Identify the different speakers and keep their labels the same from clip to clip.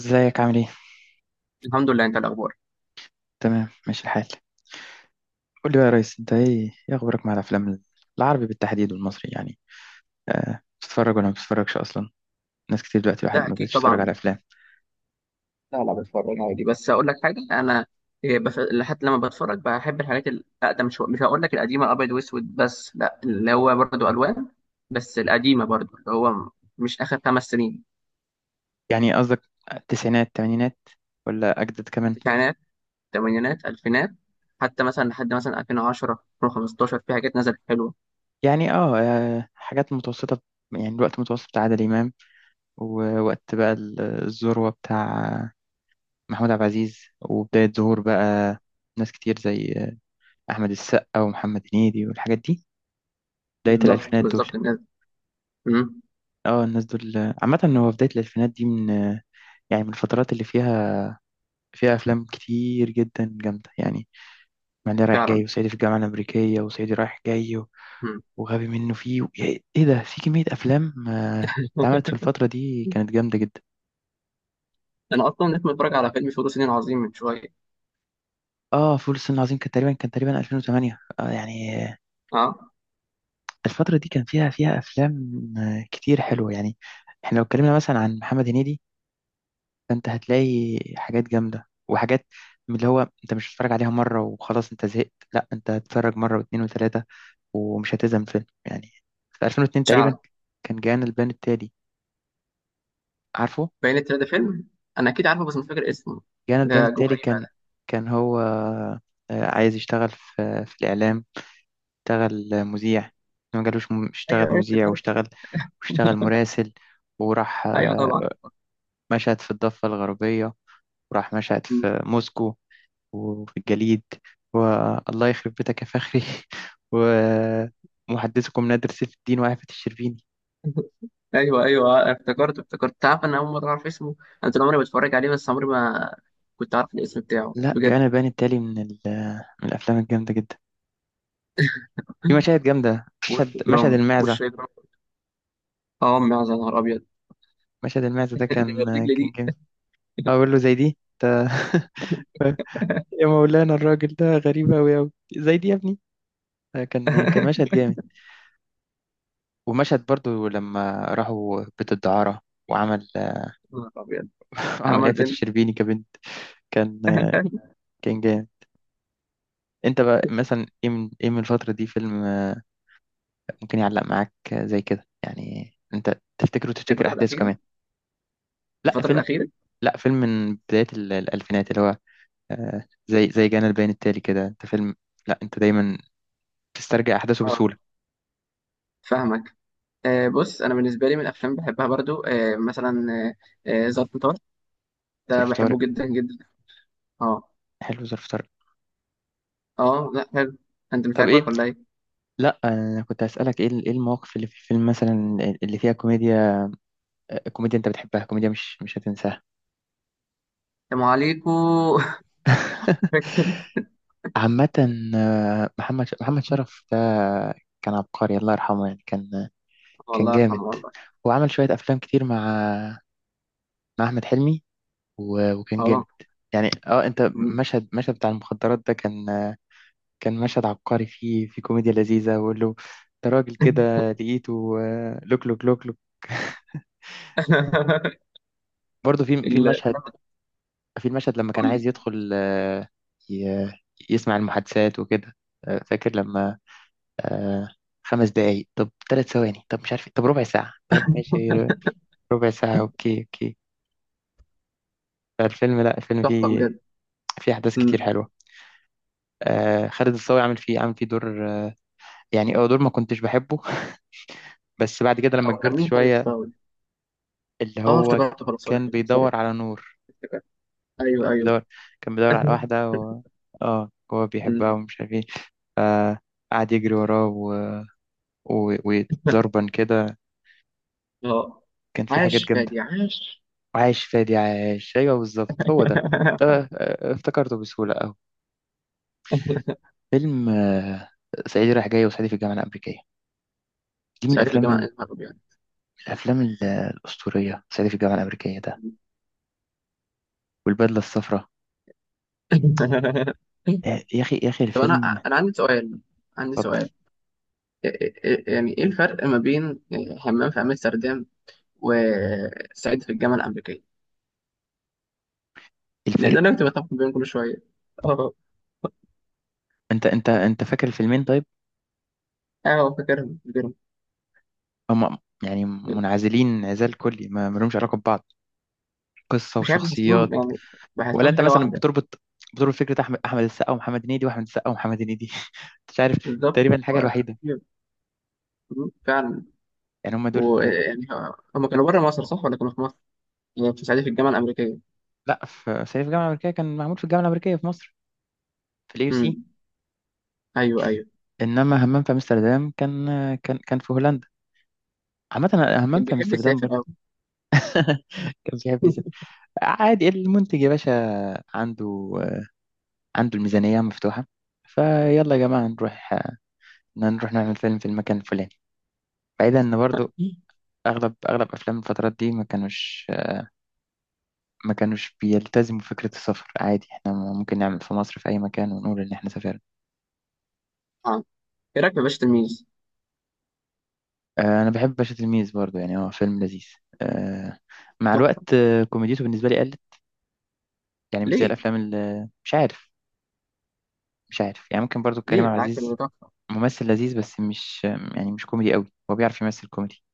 Speaker 1: ازيك، عامل ايه؟
Speaker 2: الحمد لله، انت إيه الاخبار؟
Speaker 1: تمام، ماشي الحال. قول لي بقى يا ريس، انت ايه اخبارك مع الافلام العربي بالتحديد والمصري يعني. أه، بتتفرج ولا ما بتتفرجش اصلا؟ ناس كتير دلوقتي واحد
Speaker 2: لا
Speaker 1: ما
Speaker 2: اكيد
Speaker 1: بقتش تتفرج
Speaker 2: طبعا.
Speaker 1: على افلام.
Speaker 2: لا لا بتفرج عادي، بس اقول لك حاجه. انا لحد لما بتفرج بحب الحاجات الاقدم شويه. مش هقول لك القديمه ابيض واسود، بس لا اللي هو برضه الوان. بس القديمه برضه مش اخر خمس سنين.
Speaker 1: يعني قصدك التسعينات، الثمانينات، ولا اجدد كمان؟
Speaker 2: تسعينات، ثمانينات، الفينات. حتى مثلا لحد مثلا 2010، 2015 في حاجات نزلت حلوه.
Speaker 1: يعني حاجات متوسطة، يعني الوقت متوسط بتاع عادل امام، ووقت بقى الذروة بتاع محمود عبد العزيز، وبداية ظهور بقى ناس كتير زي احمد السقا ومحمد هنيدي والحاجات دي، بداية
Speaker 2: بالظبط
Speaker 1: الالفينات دول.
Speaker 2: بالظبط الناس. امم
Speaker 1: اه الناس دول. عامة هو بداية الألفينات دي من، يعني من الفترات اللي فيها أفلام كتير جدا جامدة يعني. معلي رايح
Speaker 2: فعلا.
Speaker 1: جاي، وصعيدي في الجامعة الأمريكية، وصعيدي رايح جاي
Speaker 2: امم
Speaker 1: وغبي منه فيه إيه ده، في كمية أفلام اتعملت في الفترة دي كانت جامدة جدا.
Speaker 2: انا اصلا لسه متفرج على فيلم فول الصين العظيم من شويه.
Speaker 1: اه فول الصين العظيم كان تقريبا 2008.
Speaker 2: اه
Speaker 1: الفترة دي كان فيها أفلام كتير حلوة يعني. احنا لو اتكلمنا مثلا عن محمد هنيدي، فانت هتلاقي حاجات جامده وحاجات من اللي هو انت مش هتتفرج عليها مره وخلاص انت زهقت، لا انت هتتفرج مره واثنين وثلاثه ومش هتزهق من الفيلم يعني. في 2002 تقريبا كان جانا البيان التالي، عارفه.
Speaker 2: باين التلاتة فيلم. انا اكيد عارفه بس مش فاكر اسمه.
Speaker 1: جانا البيان
Speaker 2: ده جواه
Speaker 1: التالي،
Speaker 2: ايه بقى
Speaker 1: كان
Speaker 2: ده؟
Speaker 1: كان هو عايز يشتغل في الاعلام. اشتغل مذيع، ما جالوش، اشتغل
Speaker 2: ايوه ايوه
Speaker 1: مذيع،
Speaker 2: افتكرته.
Speaker 1: واشتغل مراسل. وراح
Speaker 2: ايوه طبعا.
Speaker 1: مشهد في الضفه الغربيه، وراح مشهد في موسكو وفي الجليد، والله يخرب بيتك يا فخري ومحدثكم نادر سيف الدين وعفة الشربيني.
Speaker 2: ايوه ايوه افتكرته، افتكرت. تعرف انا اول مره اعرف اسمه؟ انا طول عمري بتفرج عليه بس عمري ما كنت عارف الاسم بتاعه
Speaker 1: لا
Speaker 2: بجد.
Speaker 1: جانا البيان التالي من الافلام الجامده جدا. في مشاهد جامده،
Speaker 2: وش
Speaker 1: مشهد
Speaker 2: جرام،
Speaker 1: مشهد المعزه.
Speaker 2: وش جرام. اه أمي عايز، يا نهار ابيض.
Speaker 1: مشهد المعزه ده
Speaker 2: دي
Speaker 1: كان
Speaker 2: الرجل
Speaker 1: كان
Speaker 2: دي.
Speaker 1: جامد. اقول له زي دي انت يا مولانا، الراجل ده غريب أوي أوي، زي دي يا ابني، كان مشهد جامد. ومشهد برضو لما راحوا بيت الدعارة وعمل
Speaker 2: يا نهار ابيض.
Speaker 1: وعمل
Speaker 2: عمل
Speaker 1: آفة
Speaker 2: فين؟
Speaker 1: الشربيني كبنت، كان كان جامد. انت بقى مثلا ايه، من الفترة دي، فيلم ممكن يعلق معاك، زي كده يعني، انت تفتكره وتفتكر
Speaker 2: الفتره
Speaker 1: احداثه كمان؟
Speaker 2: الاخيره.
Speaker 1: لا
Speaker 2: الفتره
Speaker 1: فيلم
Speaker 2: الاخيره.
Speaker 1: لا فيلم من بداية الالفينات، اللي هو زي جانا البيان التالي كده. انت فيلم لا انت دايما تسترجع احداثه
Speaker 2: اه،
Speaker 1: بسهولة.
Speaker 2: فاهمك. آه بص انا بالنسبه لي من الافلام بحبها برضو آه مثلا ظرف طارق. ده
Speaker 1: ظرف
Speaker 2: بحبه
Speaker 1: طارق.
Speaker 2: جدا جدا. اه.
Speaker 1: حلو، ظرف طارق.
Speaker 2: اه لا حلو. انت مش
Speaker 1: طب
Speaker 2: عاجبك
Speaker 1: ايه،
Speaker 2: ولا ايه؟
Speaker 1: لا انا كنت هسألك ايه، ايه المواقف اللي في الفيلم مثلا اللي فيها كوميديا، كوميديا انت بتحبها، كوميديا مش هتنساها.
Speaker 2: يا ام عليكو. فاكر؟
Speaker 1: عامة محمد محمد شرف ده كان عبقري، الله يرحمه. يعني كان
Speaker 2: الله
Speaker 1: جامد،
Speaker 2: يرحمه والله.
Speaker 1: وعمل شوية أفلام كتير مع أحمد حلمي، وكان جامد.
Speaker 2: اه.
Speaker 1: يعني انت،
Speaker 2: مم.
Speaker 1: مشهد بتاع المخدرات ده كان مشهد عبقري، في كوميديا لذيذة. ويقول له ده راجل كده لقيته لوك لوك لوك لوك برضه في في
Speaker 2: ال-
Speaker 1: المشهد في المشهد لما كان
Speaker 2: قول لي.
Speaker 1: عايز يدخل ي- يسمع المحادثات وكده. فاكر لما آه، 5 دقايق، طب 3 ثواني، طب مش عارف إيه، طب ربع ساعة، طب ماشي، ربع ساعة، اوكي اوكي. فالفيلم، لا الفيلم
Speaker 2: تحفه
Speaker 1: فيه
Speaker 2: بجد.
Speaker 1: في احداث كتير
Speaker 2: مم.
Speaker 1: حلوه. خالد الصاوي عامل فيه دور، يعني دور ما كنتش بحبه بس بعد كده لما
Speaker 2: هو كان
Speaker 1: كبرت
Speaker 2: مين خالد
Speaker 1: شويه.
Speaker 2: الصاوي؟
Speaker 1: اللي
Speaker 2: اه
Speaker 1: هو
Speaker 2: افتكرت خلاص، سوري
Speaker 1: كان
Speaker 2: سوري.
Speaker 1: بيدور على نور،
Speaker 2: افتكرت. ايوه
Speaker 1: كان
Speaker 2: ايوه.
Speaker 1: بيدور كان بيدور على واحده، اه هو بيحبها
Speaker 2: مم.
Speaker 1: ومش عارف ايه. آه قعد يجري وراه، و... وضربا كده،
Speaker 2: اه.
Speaker 1: كان في حاجات
Speaker 2: عاش
Speaker 1: جامده.
Speaker 2: فادي عاش.
Speaker 1: وعايش فادي عايش، ايوه بالظبط هو ده. افتكرته بسهوله اهو. فيلم صعيدي رايح جاي، وصعيدي في الجامعه الامريكيه، دي من
Speaker 2: سعيد في الجامعه، إيه
Speaker 1: الافلام
Speaker 2: الهرب يعني.
Speaker 1: الافلام الاسطوريه. صعيدي في الجامعه الامريكيه ده والبدله الصفراء، يا اخي يا اخي
Speaker 2: طب انا،
Speaker 1: الفيلم.
Speaker 2: انا عندي سؤال. عندي
Speaker 1: اتفضل.
Speaker 2: سؤال. إيه- إيه- يعني ايه الفرق ما بين حمام في امستردام وسعيد في الجامعة الأمريكية؟ لأن
Speaker 1: الفرق.
Speaker 2: أنا كنت بتفق بينهم كل شوية. أه.
Speaker 1: انت فاكر الفيلمين طيب؟
Speaker 2: أه فاكرهم فاكرهم.
Speaker 1: هم يعني منعزلين انعزال كلي، ما لهمش علاقه ببعض، قصه
Speaker 2: مش عارف
Speaker 1: وشخصيات.
Speaker 2: بحسهم يعني،
Speaker 1: ولا
Speaker 2: بحسهم
Speaker 1: انت
Speaker 2: حاجة
Speaker 1: مثلا
Speaker 2: واحدة.
Speaker 1: بتربط فكره احمد السقا ومحمد هنيدي، واحمد السقا ومحمد هنيدي مش عارف.
Speaker 2: بالظبط
Speaker 1: تقريبا الحاجه
Speaker 2: هو-
Speaker 1: الوحيده،
Speaker 2: مم. فعلا.
Speaker 1: يعني هم دول.
Speaker 2: ويعني هم كانوا بره مصر صح ولا كانوا في مصر؟ يعني في سعيد في الجامعة الأمريكية.
Speaker 1: لا، في صعيدي في الجامعه الامريكيه كان معمول في الجامعه الامريكيه في مصر، في الاي يو سي.
Speaker 2: امم، أيوه أيوه.
Speaker 1: انما همام في امستردام، كان في هولندا. عامة همام
Speaker 2: كان
Speaker 1: في
Speaker 2: بيحب
Speaker 1: امستردام
Speaker 2: يسافر أوي.
Speaker 1: كان بيحب يزن. عادي، المنتج يا باشا عنده عنده الميزانية مفتوحة، فيلا يا جماعة، نروح نعمل فيلم في المكان الفلاني، بعيدا. ان برضو اغلب افلام الفترات دي ما كانوش بيلتزموا فكرة السفر، عادي احنا ممكن نعمل في مصر في اي مكان ونقول ان احنا سافرنا.
Speaker 2: آه. إيه رأيك في باشا تلميذ؟
Speaker 1: انا بحب باشا تلميذ برضو، يعني هو فيلم لذيذ. آه، مع الوقت
Speaker 2: تحفة.
Speaker 1: كوميديته بالنسبة لي قلت، يعني مش زي
Speaker 2: ليه؟
Speaker 1: الافلام. اللي مش عارف، مش عارف يعني. ممكن برضو كريم
Speaker 2: ليه
Speaker 1: عبد
Speaker 2: بالعكس ده
Speaker 1: العزيز
Speaker 2: تحفة.
Speaker 1: ممثل لذيذ، بس مش، يعني مش كوميدي قوي. هو بيعرف يمثل كوميدي،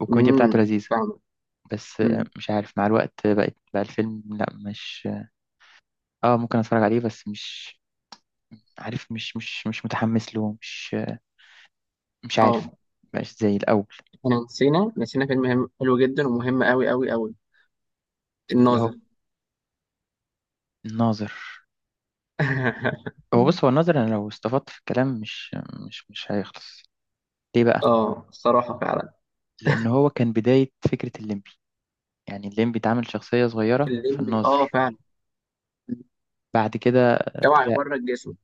Speaker 1: والكوميديا
Speaker 2: امم،
Speaker 1: بتاعته لذيذة.
Speaker 2: فاهمة.
Speaker 1: بس
Speaker 2: امم.
Speaker 1: مش عارف، مع الوقت بقت بقى الفيلم لا مش. اه ممكن اتفرج عليه، بس مش عارف، مش متحمس له، مش مش عارف.
Speaker 2: أه.
Speaker 1: مبقاش زي الأول.
Speaker 2: إحنا نسينا نسينا فيلم مهم- حلو جدا ومهم أوي أوي أوي،
Speaker 1: اللي هو
Speaker 2: الناظر.
Speaker 1: الناظر. هو بص، هو الناظر، أنا لو استفدت في الكلام مش مش هيخلص. ليه بقى؟
Speaker 2: اه الصراحة فعلا.
Speaker 1: لأن هو كان بداية فكرة الليمبي، يعني الليمبي اتعمل شخصية صغيرة في
Speaker 2: الليمبي اه
Speaker 1: الناظر،
Speaker 2: فعلا.
Speaker 1: بعد كده
Speaker 2: جمع
Speaker 1: طلع
Speaker 2: يبرد جسمه.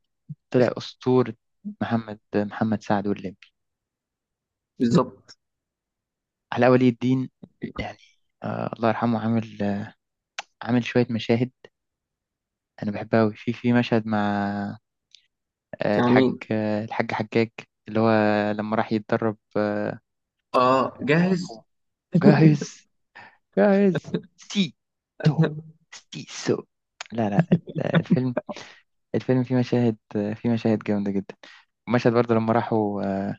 Speaker 1: طلع أسطورة. محمد سعد والليمبي،
Speaker 2: بالظبط.
Speaker 1: علاء ولي الدين يعني. الله يرحمه عامل شوية مشاهد أنا بحبها أوي، في مشهد مع آه الحاج
Speaker 2: امين.
Speaker 1: آه الحاج حجاج، اللي هو لما راح يتدرب
Speaker 2: اه
Speaker 1: كونغ فو.
Speaker 2: جاهز.
Speaker 1: جاهز جاهز سي، سو، سي سو. لا لا، الفيلم، الفيلم فيه مشاهد جامدة جدا. مشهد برضه لما راحوا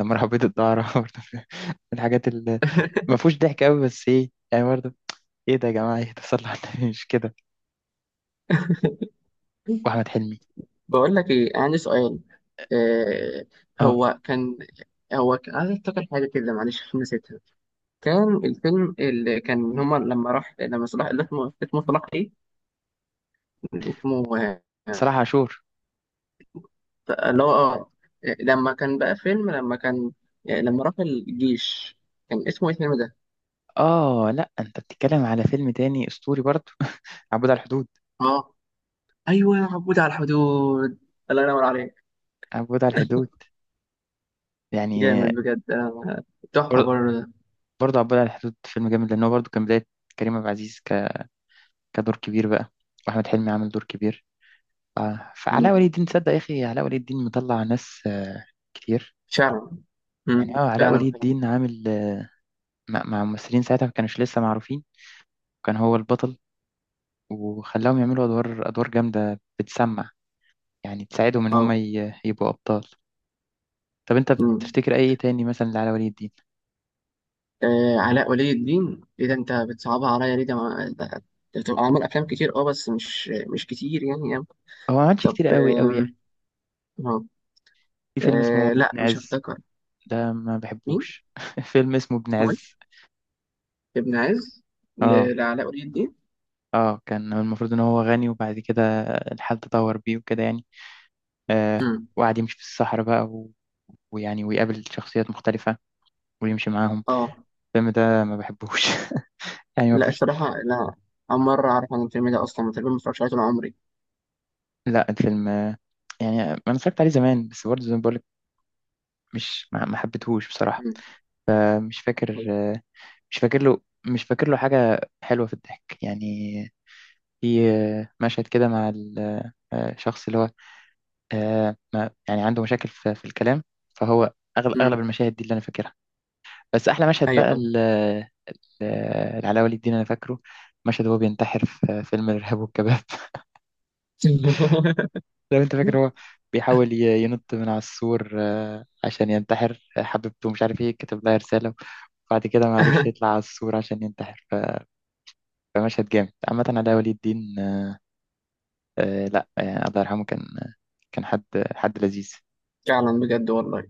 Speaker 1: بيت الدعارة برضه، من الحاجات اللي ما فيهوش ضحك أوي، بس إيه يعني، برضه إيه ده يا جماعة، إيه ده صلوا على النبي، مش كده؟ وأحمد حلمي.
Speaker 2: بقول لك ايه، عندي سؤال. آه.
Speaker 1: اه،
Speaker 2: هو كان هو كان عايز افتكر حاجه كده، معلش عشان نسيتها. كان الفيلم اللي كان هما لما راح، لما صلاح، اللي اسمه اسمه صلاح ايه، اسمه آه،
Speaker 1: صلاح عاشور.
Speaker 2: اللي هو اه لما كان بقى فيلم لما كان، لما راح الجيش، كان اسمه ايه الفيلم ده؟
Speaker 1: اه لا، انت بتتكلم على فيلم تاني اسطوري برضه عبود على الحدود.
Speaker 2: اه. ايوه عبود على الحدود. الله ينور عليك.
Speaker 1: عبود على الحدود يعني،
Speaker 2: جامد بجد آه، تحفه
Speaker 1: بر-
Speaker 2: برضه.
Speaker 1: برضه عبود على الحدود فيلم جامد، لان هو برضه كان بدايه كريم عبد العزيز كدور كبير بقى، واحمد حلمي عامل دور كبير. ف... فعلاء
Speaker 2: مم.
Speaker 1: ولي الدين، تصدق يا اخي، علاء ولي الدين مطلع ناس كتير.
Speaker 2: شعر.
Speaker 1: يعني
Speaker 2: مم.
Speaker 1: علاء
Speaker 2: فعلا
Speaker 1: ولي
Speaker 2: فعلا.
Speaker 1: الدين عامل مع ممثلين ساعتها ما كانوش لسه معروفين، وكان هو البطل، وخلاهم يعملوا ادوار جامده بتسمع، يعني تساعدهم ان هم
Speaker 2: اه.
Speaker 1: يبقوا ابطال. طب انت
Speaker 2: مم.
Speaker 1: بتفتكر اي تاني مثلا لعلاء ولي الدين؟
Speaker 2: آه، علاء ولي الدين، ايه ده انت بتصعبها عليا ليه؟ ده ما- ده- ده بتبقى عامل افلام كتير اه، بس مش مش كتير يعني يعني.
Speaker 1: هو ما عملش
Speaker 2: طب.
Speaker 1: كتير قوي قوي يعني.
Speaker 2: آم. آه.
Speaker 1: في فيلم اسمه
Speaker 2: آه، لا
Speaker 1: ابن
Speaker 2: مش
Speaker 1: عز،
Speaker 2: هفتكر.
Speaker 1: ده ما
Speaker 2: مين؟
Speaker 1: بحبوش فيلم اسمه ابن
Speaker 2: اسمه ايه؟
Speaker 1: عز.
Speaker 2: ابن عز؟
Speaker 1: اه
Speaker 2: لعلاء ولي الدين؟
Speaker 1: اه، كان المفروض ان هو غني، وبعد كده الحال تطور بيه وكده يعني.
Speaker 2: مم.
Speaker 1: وقعد يمشي في الصحراء بقى، ويعني ويقابل شخصيات مختلفة ويمشي معاهم.
Speaker 2: اه.
Speaker 1: الفيلم ده ما بحبوش يعني ما
Speaker 2: لا
Speaker 1: فيهوش.
Speaker 2: الصراحه لا، اول مره اعرف عن الفيلم ده اصلا، تقريبا ما اتفرجتش عليه طول عمري.
Speaker 1: لا الفيلم يعني انا اتفرجت عليه زمان، بس برضه زي ما بقولك، مش، ما حبيتهوش بصراحة.
Speaker 2: مم.
Speaker 1: مش فاكر،
Speaker 2: ايوه.
Speaker 1: مش فاكر له، مش فاكر له حاجة حلوة في الضحك يعني. في مشهد كده مع الشخص اللي هو، يعني عنده مشاكل في الكلام، فهو. أغلب
Speaker 2: مم.
Speaker 1: أغلب المشاهد دي اللي أنا فاكرها، بس أحلى مشهد بقى،
Speaker 2: ايوه.
Speaker 1: العلاء ولي الدين أنا فاكره، مشهد هو بينتحر في فيلم الإرهاب والكباب لو أنت فاكر. هو بيحاول ينط من على السور عشان ينتحر، حبيبته مش عارف إيه كتب لها رسالة، وبعد كده ما عرفش يطلع على السور عشان ينتحر، فمشهد جامد. عامة علاء ولي الدين، آه لا آه الله يرحمه، كان حد لذيذ.
Speaker 2: فعلا بجد والله.